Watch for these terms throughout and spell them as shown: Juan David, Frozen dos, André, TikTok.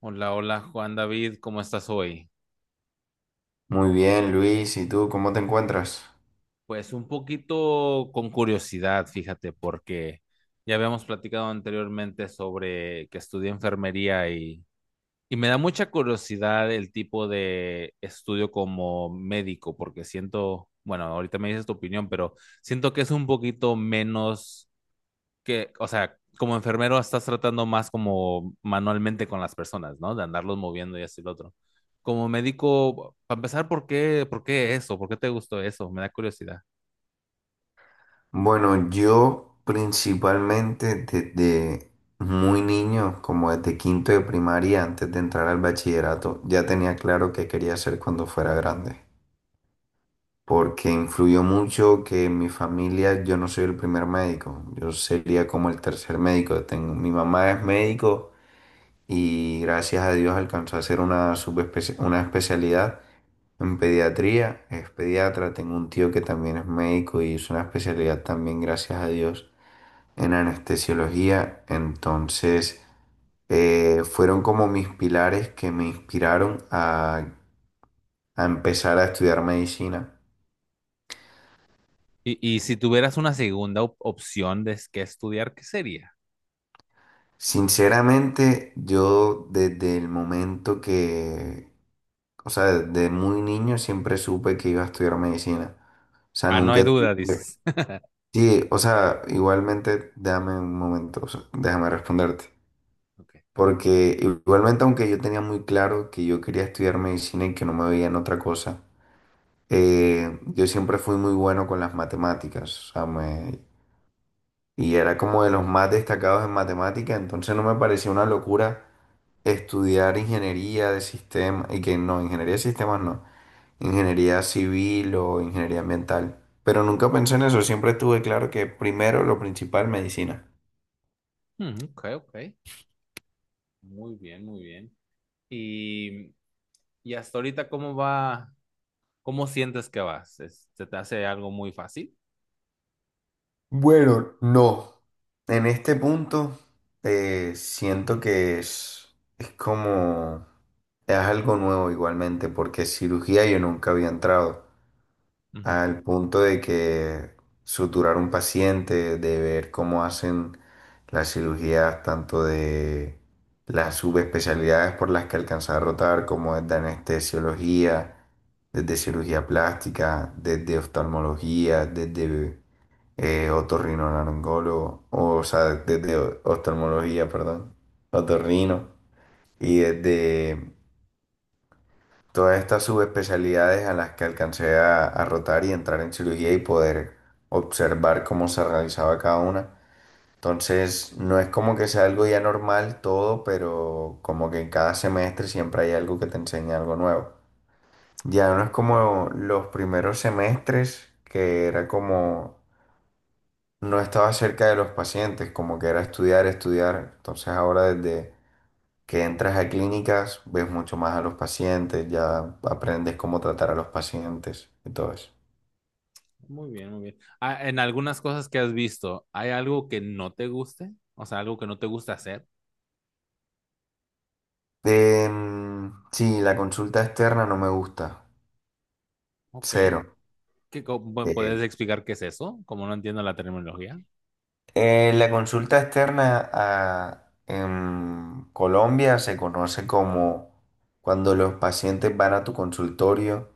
Hola, hola Juan David, ¿cómo estás hoy? Muy bien, Luis. ¿Y tú cómo te encuentras? Pues un poquito con curiosidad, fíjate, porque ya habíamos platicado anteriormente sobre que estudié enfermería y me da mucha curiosidad el tipo de estudio como médico, porque siento, bueno, ahorita me dices tu opinión, pero siento que es un poquito menos que, o sea, como enfermero estás tratando más como manualmente con las personas, ¿no? De andarlos moviendo y así lo otro. Como médico, para empezar, ¿por qué eso? ¿Por qué te gustó eso? Me da curiosidad. Bueno, yo principalmente desde muy niño, como desde quinto de primaria, antes de entrar al bachillerato, ya tenía claro qué quería hacer cuando fuera grande. Porque influyó mucho que en mi familia yo no soy el primer médico, yo sería como el tercer médico. Mi mamá es médico. Y gracias a Dios alcanzó a hacer una especialidad en pediatría. Es pediatra, tengo un tío que también es médico y hizo una especialidad también, gracias a Dios, en anestesiología. Entonces, fueron como mis pilares que me inspiraron a empezar a estudiar medicina. Y si tuvieras una segunda opción de qué estudiar, ¿qué sería? Sinceramente, yo desde el momento que, o sea, desde muy niño siempre supe que iba a estudiar medicina. O sea, Ah, no hay nunca duda, tuve. dices. Sí, o sea, igualmente, déjame un momento, o sea, déjame responderte. Ok. Porque igualmente, aunque yo tenía muy claro que yo quería estudiar medicina y que no me veía en otra cosa, yo siempre fui muy bueno con las matemáticas. O sea, y era como de los más destacados en matemática, entonces no me parecía una locura estudiar ingeniería de sistemas, y que no, ingeniería de sistemas no, ingeniería civil o ingeniería ambiental. Pero nunca pensé en eso, siempre tuve claro que primero lo principal, medicina. Mm, ok, ok. Muy bien, muy bien. Y, y hasta ahorita, ¿cómo va? ¿Cómo sientes que vas? ¿Se te hace algo muy fácil? Bueno, no. En este punto siento que es como, es algo nuevo igualmente, porque cirugía yo nunca había entrado. Al punto de que suturar un paciente, de ver cómo hacen las cirugías, tanto de las subespecialidades por las que alcanza a rotar, como desde anestesiología, desde cirugía plástica, desde oftalmología, desde otorrinolaringólogo, o, sea, desde oftalmología, perdón, otorrino, y desde todas estas subespecialidades a las que alcancé a, rotar y entrar en cirugía y poder observar cómo se realizaba cada una. Entonces, no es como que sea algo ya normal todo, pero como que en cada semestre siempre hay algo que te enseña algo nuevo. Ya no es Ujú. como los primeros semestres, que era como no estaba cerca de los pacientes, como que era estudiar, estudiar. Entonces ahora desde que entras a clínicas, ves mucho más a los pacientes, ya aprendes cómo tratar a los pacientes y todo eso. Muy bien, muy bien. Ah, en algunas cosas que has visto, ¿hay algo que no te guste? O sea, algo que no te gusta hacer. Sí, la consulta externa no me gusta, Ok. cero. ¿Puedes Eh, explicar qué es eso? Como no entiendo la terminología. La consulta externa en Colombia se conoce como cuando los pacientes van a tu consultorio,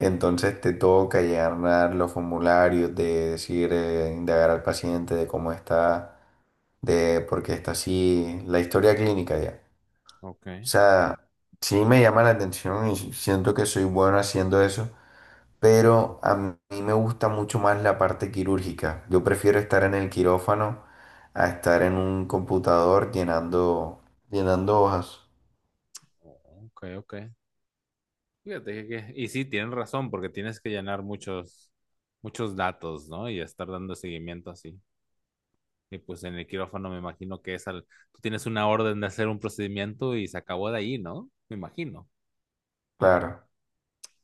entonces te toca llenar los formularios de decir, indagar al paciente de cómo está de porque está así la historia clínica ya. O Ok. sea, sí me llama la atención y siento que soy bueno haciendo eso, pero a mí me gusta mucho más la parte quirúrgica. Yo prefiero estar en el quirófano a estar en un computador llenando hojas. Ok, ok. Fíjate que, y sí, tienen razón, porque tienes que llenar muchos, muchos datos, ¿no? Y estar dando seguimiento así. Y pues en el quirófano me imagino que es al, tú tienes una orden de hacer un procedimiento y se acabó de ahí, ¿no? Me imagino. Claro.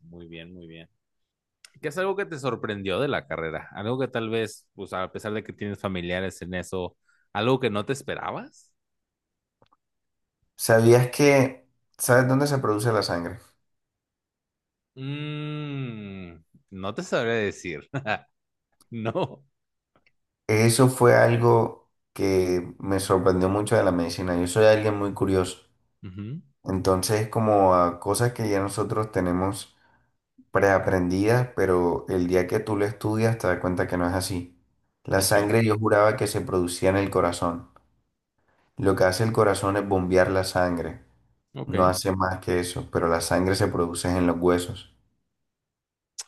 Muy bien, muy bien. ¿Qué es algo que te sorprendió de la carrera? ¿Algo que tal vez, pues a pesar de que tienes familiares en eso, algo que no te esperabas? ¿Sabías que, sabes dónde se produce la sangre? Mm, no te sabré decir. No. Eso fue algo que me sorprendió mucho de la medicina. Yo soy alguien muy curioso. Ujú. Entonces, como a cosas que ya nosotros tenemos preaprendidas, pero el día que tú lo estudias te das cuenta que no es así. La Ok, sangre yo juraba que se producía en el corazón. Lo que hace el corazón es bombear la sangre. No ok. hace más que eso, pero la sangre se produce en los huesos.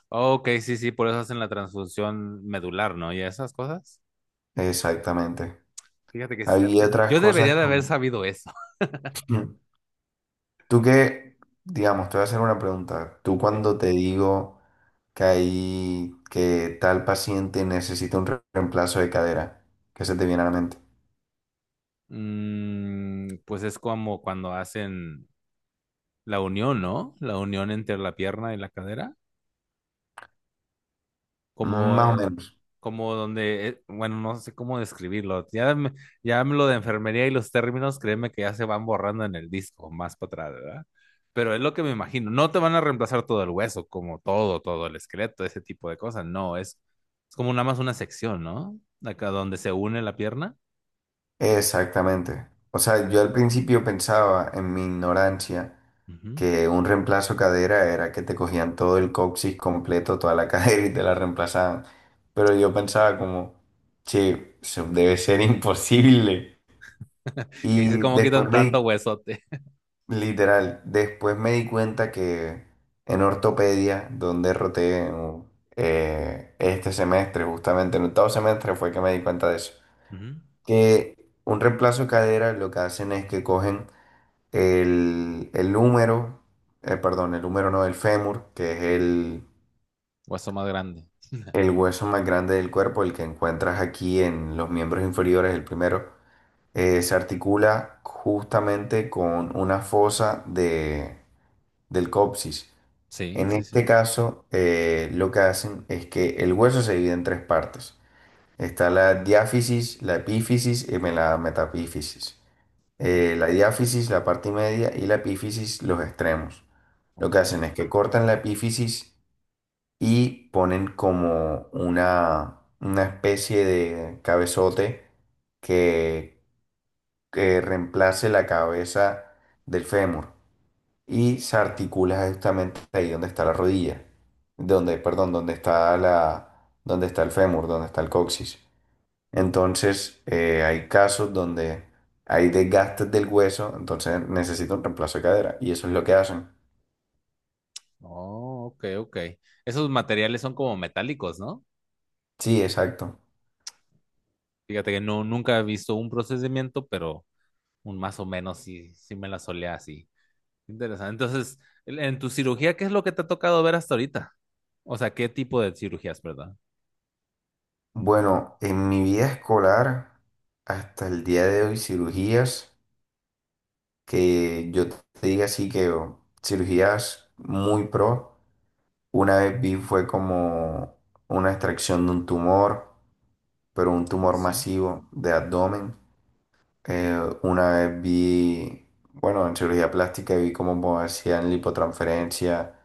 Ok, sí, sí, por eso hacen la transfusión medular, ¿no? Y esas cosas. Exactamente. Fíjate que Había este, otras yo cosas debería de haber como. sabido eso. Tú que, digamos, te voy a hacer una pregunta. Tú Sí. cuando te digo que tal paciente necesita un reemplazo de cadera, ¿qué se te viene a la mente? Mm, pues es como cuando hacen la unión, ¿no? La unión entre la pierna y la cadera. Como, Más o menos. como donde, bueno, no sé cómo describirlo. Ya, ya me lo de enfermería y los términos, créeme que ya se van borrando en el disco, más para atrás, ¿verdad? Pero es lo que me imagino. No te van a reemplazar todo el hueso, como todo, todo el esqueleto, ese tipo de cosas. No, es como nada más una sección, ¿no? Acá donde se une la pierna. Exactamente. O sea, yo al principio pensaba en mi ignorancia Ujú. que un reemplazo de cadera era que te cogían todo el coxis completo, toda la cadera y te la reemplazaban. Pero yo pensaba como, che, eso debe ser imposible. Que dices, Y ¿cómo quitan después tanto me, huesote? Literal, después me di cuenta que en ortopedia, donde roté este semestre, justamente en octavo semestre fue que me di cuenta de eso, Ujú. que un reemplazo de cadera lo que hacen es que cogen el húmero, perdón, el húmero no, el fémur, que es el, Hueso más grande. el hueso más grande del cuerpo, el que encuentras aquí en los miembros inferiores, el primero, se articula justamente con una fosa del coxis. Sí, En sí, sí. este caso, lo que hacen es que el hueso se divide en tres partes. Está la diáfisis, la epífisis y la metapífisis. Ok, La diáfisis, la parte media, y la epífisis, los extremos. Lo ok. que hacen es que cortan la epífisis y ponen como una especie de cabezote que, que reemplace la cabeza del fémur y se articula justamente ahí donde está la rodilla, donde, perdón, donde está el fémur, donde está el coxis. Entonces, hay casos donde hay desgastes del hueso, entonces necesita un reemplazo de cadera y eso es lo que hacen. Oh, ok, ok. Esos materiales son como metálicos, ¿no? Sí, exacto. Fíjate que no, nunca he visto un procedimiento, pero un más o menos sí, sí me la solía así. Interesante. Entonces, en tu cirugía, ¿qué es lo que te ha tocado ver hasta ahorita? O sea, ¿qué tipo de cirugías, verdad? Bueno, en mi vida escolar, hasta el día de hoy, cirugías que yo te diga así que oh, cirugías muy pro, una vez vi fue como una extracción de un tumor, pero un Oh, tumor sí. masivo de abdomen. Una vez vi, bueno, en cirugía plástica vi cómo hacían lipotransferencia,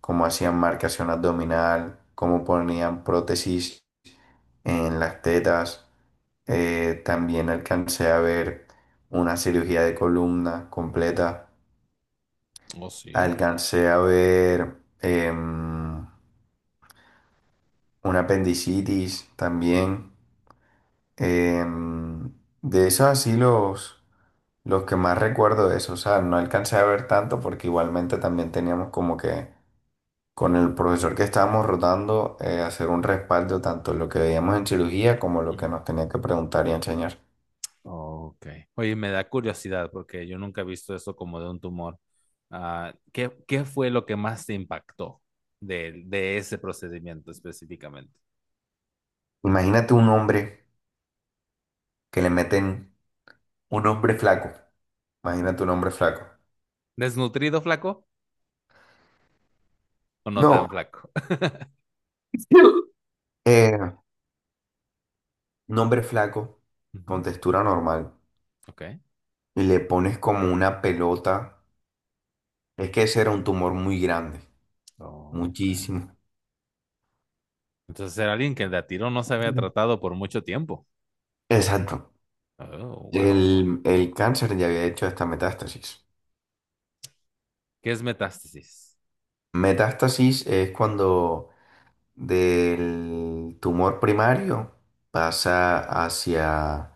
cómo hacían marcación abdominal, cómo ponían prótesis en las tetas. También alcancé a ver una cirugía de columna completa. Oh, sí. Alcancé a ver una apendicitis también. Em, de esos así los que más recuerdo de eso, o sea, no alcancé a ver tanto porque igualmente también teníamos como que con el profesor que estábamos rotando hacer un respaldo tanto lo que veíamos en cirugía como lo que Ujú. nos tenía que preguntar y enseñar. Ok. Oye, me da curiosidad porque yo nunca he visto eso como de un tumor. Ah, ¿qué fue lo que más te impactó de ese procedimiento específicamente? Imagínate un hombre que le meten un hombre flaco, Ajá. imagínate un hombre flaco. ¿Desnutrido, flaco o no No, tan flaco? eh, un hombre flaco con Ujú. textura normal Ok. y le pones como una pelota, es que ese era un tumor muy grande. Ok. Muchísimo. Entonces era alguien que el de a tiro no se había tratado por mucho tiempo. Exacto. Oh, wow. El cáncer ya había hecho esta metástasis. ¿Qué es metástasis? Metástasis es cuando del tumor primario pasa hacia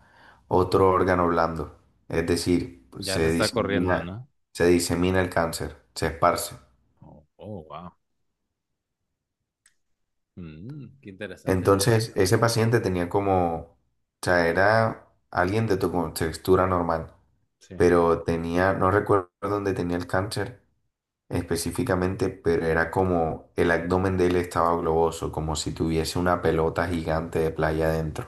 otro órgano blando. Es decir, Ya se se está corriendo, disemina, ¿no? se disemina el cáncer, se esparce. Oh, oh, wow. Mm, qué interesante. Entonces, ese paciente tenía como, o sea, era alguien de tu contextura normal, Sí. pero tenía, no recuerdo dónde tenía el cáncer específicamente, pero era como el abdomen de él estaba globoso, como si tuviese una pelota gigante de playa adentro.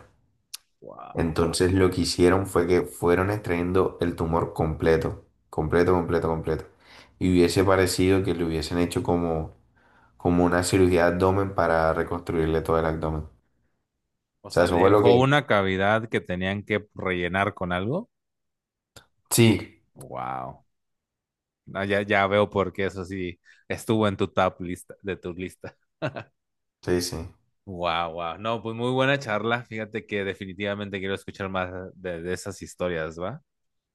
Wow. Entonces lo que hicieron fue que fueron extrayendo el tumor completo, completo, completo, completo. Y hubiese parecido que le hubiesen hecho como una cirugía de abdomen para reconstruirle todo el abdomen. O O sea, sea, eso fue lo dejó que. una cavidad que tenían que rellenar con algo. Sí, Wow. No, ya, ya veo por qué eso sí estuvo en tu top lista, de tu lista. sí, sí. Wow, wow. No, pues muy buena charla. Fíjate que definitivamente quiero escuchar más de esas historias, ¿va?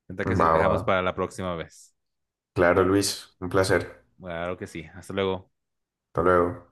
Entonces que si Va, lo va. dejamos para la próxima vez. Claro, Luis, un placer. Claro que sí. Hasta luego. Hasta luego.